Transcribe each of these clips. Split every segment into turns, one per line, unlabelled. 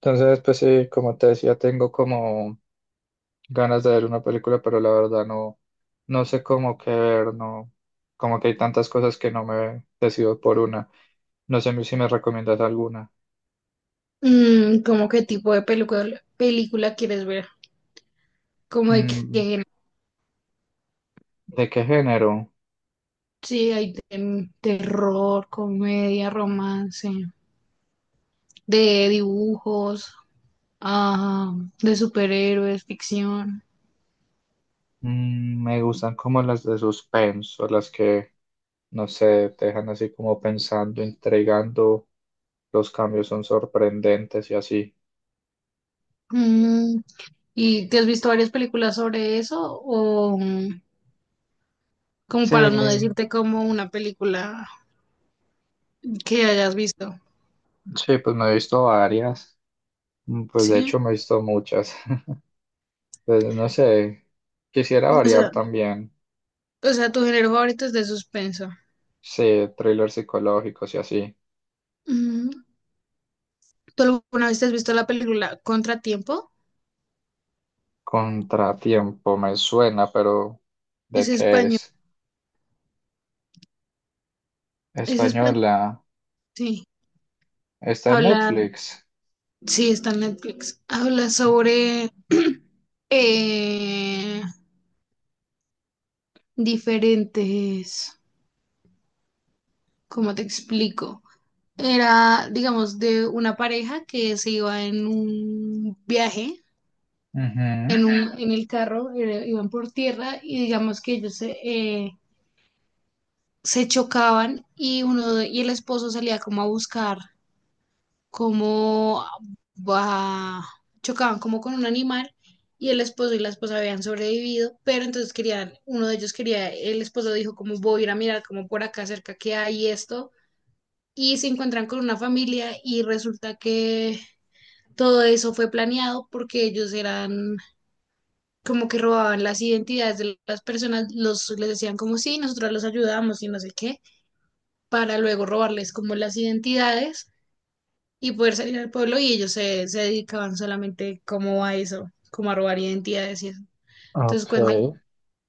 Entonces, pues sí, como te decía, tengo como ganas de ver una película, pero la verdad no sé cómo qué ver, no, como que hay tantas cosas que no me decido por una. No sé si me recomiendas alguna.
¿Cómo qué tipo de película quieres ver? Como de que,
Mm, ¿de qué género?
sí, hay de- terror, comedia, romance, de dibujos, ah, de superhéroes, ficción.
Mm, me gustan como las de suspenso, las que, no sé, te dejan así como pensando, intrigando, los cambios son sorprendentes y así.
Mm, ¿y te has visto varias películas sobre eso? O como
Sí,
para no decirte como una película que hayas visto.
sí, pues me he visto varias, mm, pues de hecho
Sí.
me he visto muchas. Pues no sé, quisiera
O
variar
sea,
también.
o sea, tu género favorito es de suspenso.
Sí, thrillers psicológicos y así.
Mm, ¿tú alguna vez te has visto la película Contratiempo?
Contratiempo me suena, pero
Es
¿de qué
español,
es?
es español,
Española.
sí.
Está en
Habla,
Netflix.
sí, está en Netflix. Habla sobre eh, diferentes, ¿cómo te explico? Era, digamos, de una pareja que se iba en un viaje,
Ujú,
en el carro, iban por tierra y digamos que ellos se chocaban y y el esposo salía como a buscar. como bah, chocaban como con un animal y el esposo y la esposa habían sobrevivido, pero entonces querían, uno de ellos quería, el esposo dijo como voy a ir a mirar como por acá cerca que hay esto y se encuentran con una familia y resulta que todo eso fue planeado porque ellos eran como que robaban las identidades de las personas, los les decían como sí, nosotros los ayudamos y no sé qué, para luego robarles como las identidades y poder salir al pueblo y ellos se dedicaban solamente como a eso, como a robar identidades y eso. Entonces
ok.
cuentan
Ujú.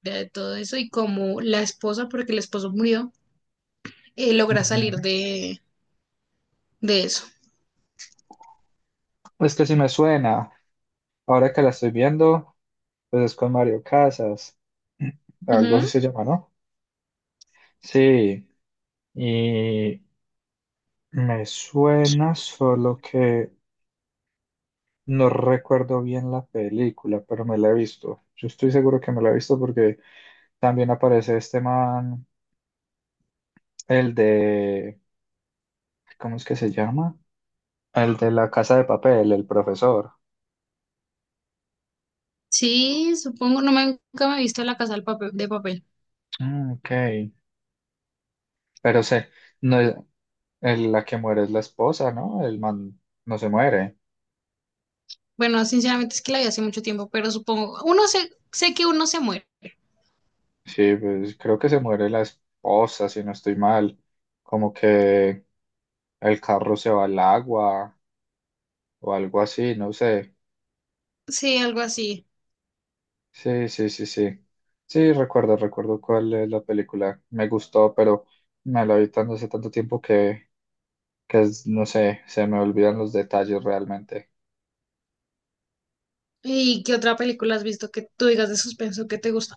de todo eso y cómo la esposa, porque el esposo murió, logra salir de eso.
Es que sí me suena. Ahora que la estoy viendo, pues es con Mario Casas. Algo así
Ujú.
se llama, ¿no? Sí. Y me suena solo que. No recuerdo bien la película, pero me la he visto. Yo estoy seguro que me la he visto porque también aparece este man, el de, ¿cómo es que se llama? El de la Casa de Papel, el profesor.
Sí, supongo, no me, nunca me he visto la casa del papel, de papel.
Ah, ok. Pero sé, no es, el- la que muere es la esposa, ¿no? El man no se muere.
Bueno, sinceramente es que la vi hace mucho tiempo, pero supongo, sé que uno se muere.
Sí, pues creo que se muere la esposa, si no estoy mal. Como que el carro se va al agua o algo así, no sé.
Sí, algo así.
Sí, sí, sí, sí. Sí, recuerdo cuál es la película. Me gustó, pero me la vi tanto hace tanto tiempo que es- no sé, se me olvidan los detalles realmente.
¿Y qué otra película has visto que tú digas de suspenso que te gusta?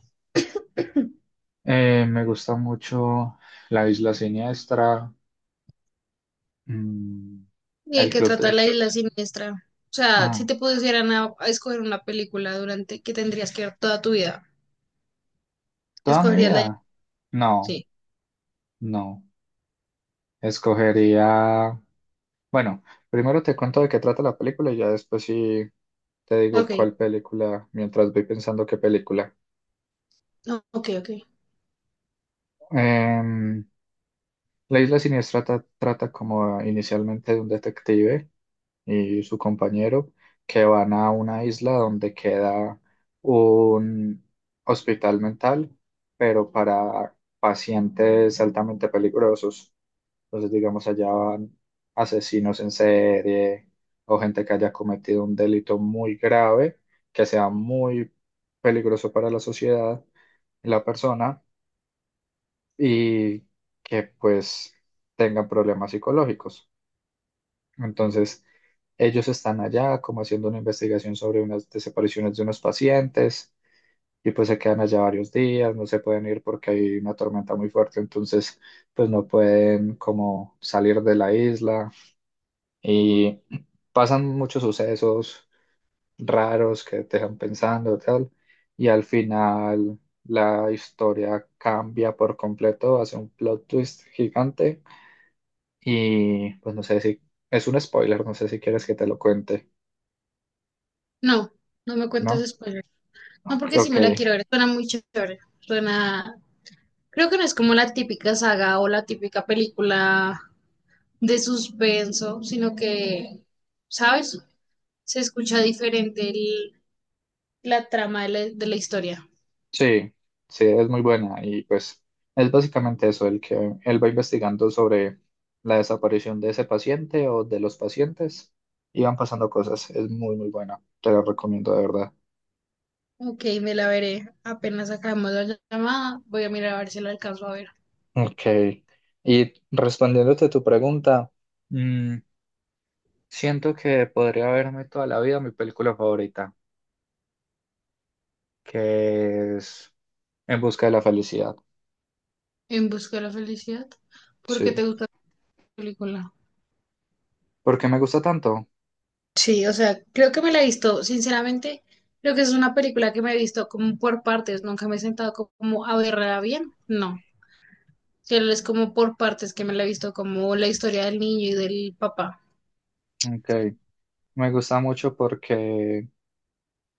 Me gusta mucho La Isla Siniestra, mm,
Y hay
El
que
Club
tratar
de.
la isla siniestra. O sea, si
Ah,
te pusieran a escoger una película durante que tendrías que ver toda tu vida,
¿toda mi
¿escogerías la isla?
vida? No,
Sí.
no. Escogería. Bueno, primero te cuento de qué trata la película y ya después sí te digo
Ok.
cuál película, mientras voy pensando qué película.
No, ok, ok.
Em, La isla siniestra ta- trata como inicialmente de un detective y su compañero que van a una isla donde queda un hospital mental, pero para pacientes altamente peligrosos. Entonces, digamos, allá van asesinos en serie o gente que haya cometido un delito muy grave, que sea muy peligroso para la sociedad y la persona y que pues tengan problemas psicológicos. Entonces, ellos están allá como haciendo una investigación sobre unas desapariciones de unos pacientes y pues se quedan allá varios días, no se pueden ir porque hay una tormenta muy fuerte, entonces pues no pueden como salir de la isla y pasan muchos sucesos raros que te dejan pensando tal y al final la historia cambia por completo, hace un plot twist gigante. Y pues no sé si es un spoiler, no sé si quieres que te lo cuente,
No, no me cuentes
¿no?
spoiler. No, porque si
Ok,
me la quiero ver. Suena muy chévere. Suena. Creo que no es como la típica saga o la típica película de suspenso, sino que, ¿sabes? Se escucha diferente la trama de la historia.
sí, sí, es muy buena y pues es básicamente eso, el que él va investigando sobre la desaparición de ese paciente o de los pacientes y van pasando cosas, es muy muy buena, te la recomiendo de verdad.
Ok, me la veré. Apenas acabemos la llamada, voy a mirar a ver si la alcanzo a ver.
Ok, y respondiéndote a tu pregunta, mm, siento que podría verme toda la vida mi película favorita, que es En busca de la felicidad,
En busca de la felicidad. ¿Por qué te
sí.
gusta la película?
¿Por qué me gusta tanto?
Sí, o sea, creo que me la he visto, sinceramente, creo que es una película que me he visto como por partes, nunca me he sentado como a verla bien, no. Solo es como por partes que me la he visto, como la historia del niño y del papá.
Ok, me gusta mucho porque,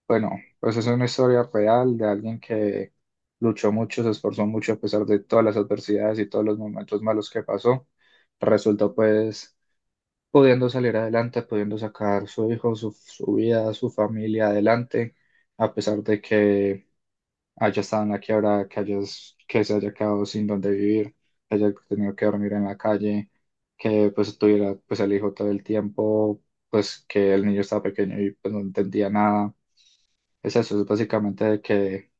bueno, pues es una historia real de alguien que luchó mucho, se esforzó mucho a pesar de todas las adversidades y todos los momentos malos que pasó. Resultó pues pudiendo salir adelante, pudiendo sacar su hijo, su vida, su familia adelante, a pesar de que haya estado en la quiebra, que, hayas- que se haya quedado sin dónde vivir, que haya tenido que dormir en la calle, que pues tuviera pues el hijo todo el tiempo, pues que el niño estaba pequeño y pues no entendía nada. Es eso, es básicamente de que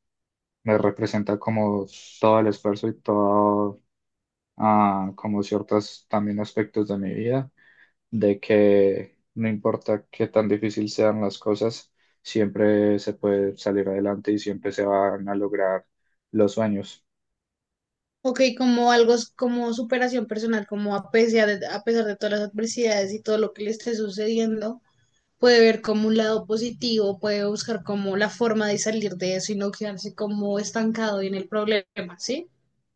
me representa como todo el esfuerzo y todo, ah, como ciertos también aspectos de mi vida de que no importa qué tan difícil sean las cosas, siempre se puede salir adelante y siempre se van a lograr los sueños.
Ok, como algo, como superación personal, como a pesar de todas las adversidades y todo lo que le esté sucediendo. Puede ver como un lado positivo, puede buscar como la forma de salir de eso y no quedarse como estancado en el problema, ¿sí?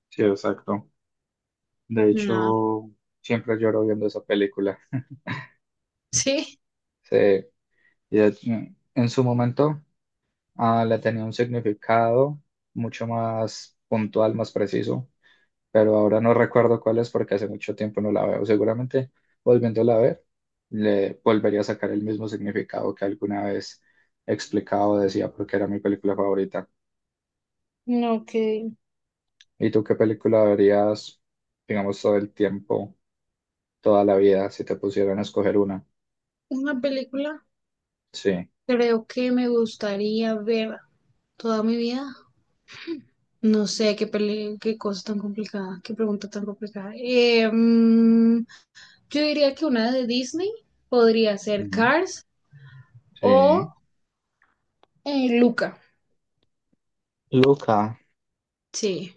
Sí, exacto. De
No,
hecho, siempre lloro viendo esa película.
sí.
Sí, y de- en su momento ah, le tenía un significado mucho más puntual, más preciso, pero ahora no recuerdo cuál es porque hace mucho tiempo no la veo. Seguramente volviéndola a ver, le volvería a sacar el mismo significado que alguna vez explicaba o decía porque era mi película favorita.
No, que
¿Y tú qué película verías, digamos, todo el tiempo, toda la vida, si te pusieran a escoger una?
una película
Sí.
creo que me gustaría ver toda mi vida. No sé qué cosa tan complicada, qué pregunta tan complicada. Yo diría que una de Disney podría ser
Ujú.
Cars o
Sí.
Luca.
Luca.
Sí.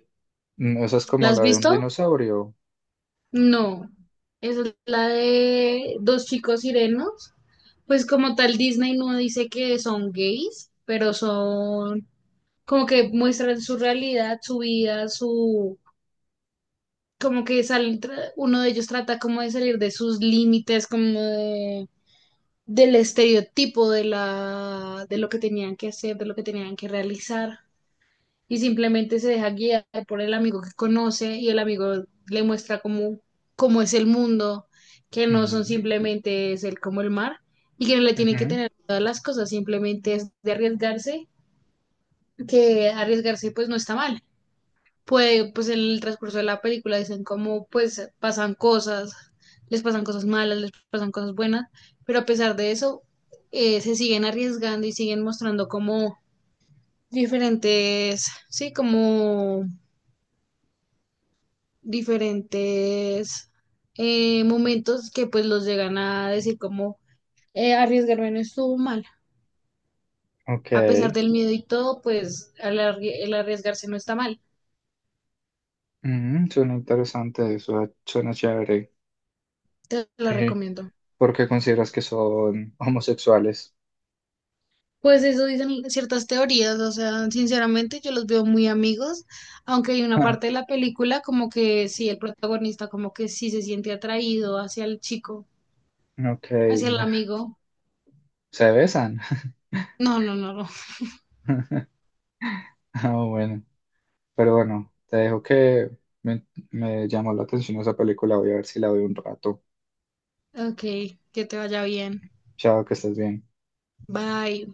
Mm, esa es
¿La
como
has
la de un
visto?
dinosaurio.
No, esa es la de dos chicos sirenos. Pues como tal, Disney no dice que son gays, pero son como que muestran su realidad, su vida, su... Como que salen, uno de ellos trata como de salir de sus límites, del estereotipo de lo que tenían que hacer, de lo que tenían que realizar. Y simplemente se deja guiar por el amigo que conoce y el amigo le muestra cómo es el mundo, que no son
Ujú.
simplemente es el como el mar y que no le tiene que
Ujú.
tener todas las cosas, simplemente es de arriesgarse, que arriesgarse pues no está mal. Puede, pues en el transcurso de la película dicen cómo pues pasan cosas, les pasan cosas malas, les pasan cosas buenas, pero a pesar de eso se siguen arriesgando y siguen mostrando como diferentes, sí, como diferentes momentos que pues los llegan a decir como arriesgarme no estuvo mal.
Ok.
A pesar del miedo y todo, pues el arriesgarse no está mal.
Ujú, suena interesante, eso suena chévere.
Te la recomiendo.
¿Porque consideras que son homosexuales?
Pues eso dicen ciertas teorías, o sea, sinceramente yo los veo muy amigos, aunque hay una
Ah,
parte de la película como que sí, el protagonista como que sí se siente atraído hacia el chico,
ok,
hacia el
bueno,
amigo.
se besan.
No, no, no, no.
Ah, bueno, pero bueno, te dejo que me, me llamó la atención esa película, voy a ver si la veo un rato.
Ok, que te vaya bien.
Chao, que estés bien.
Bye.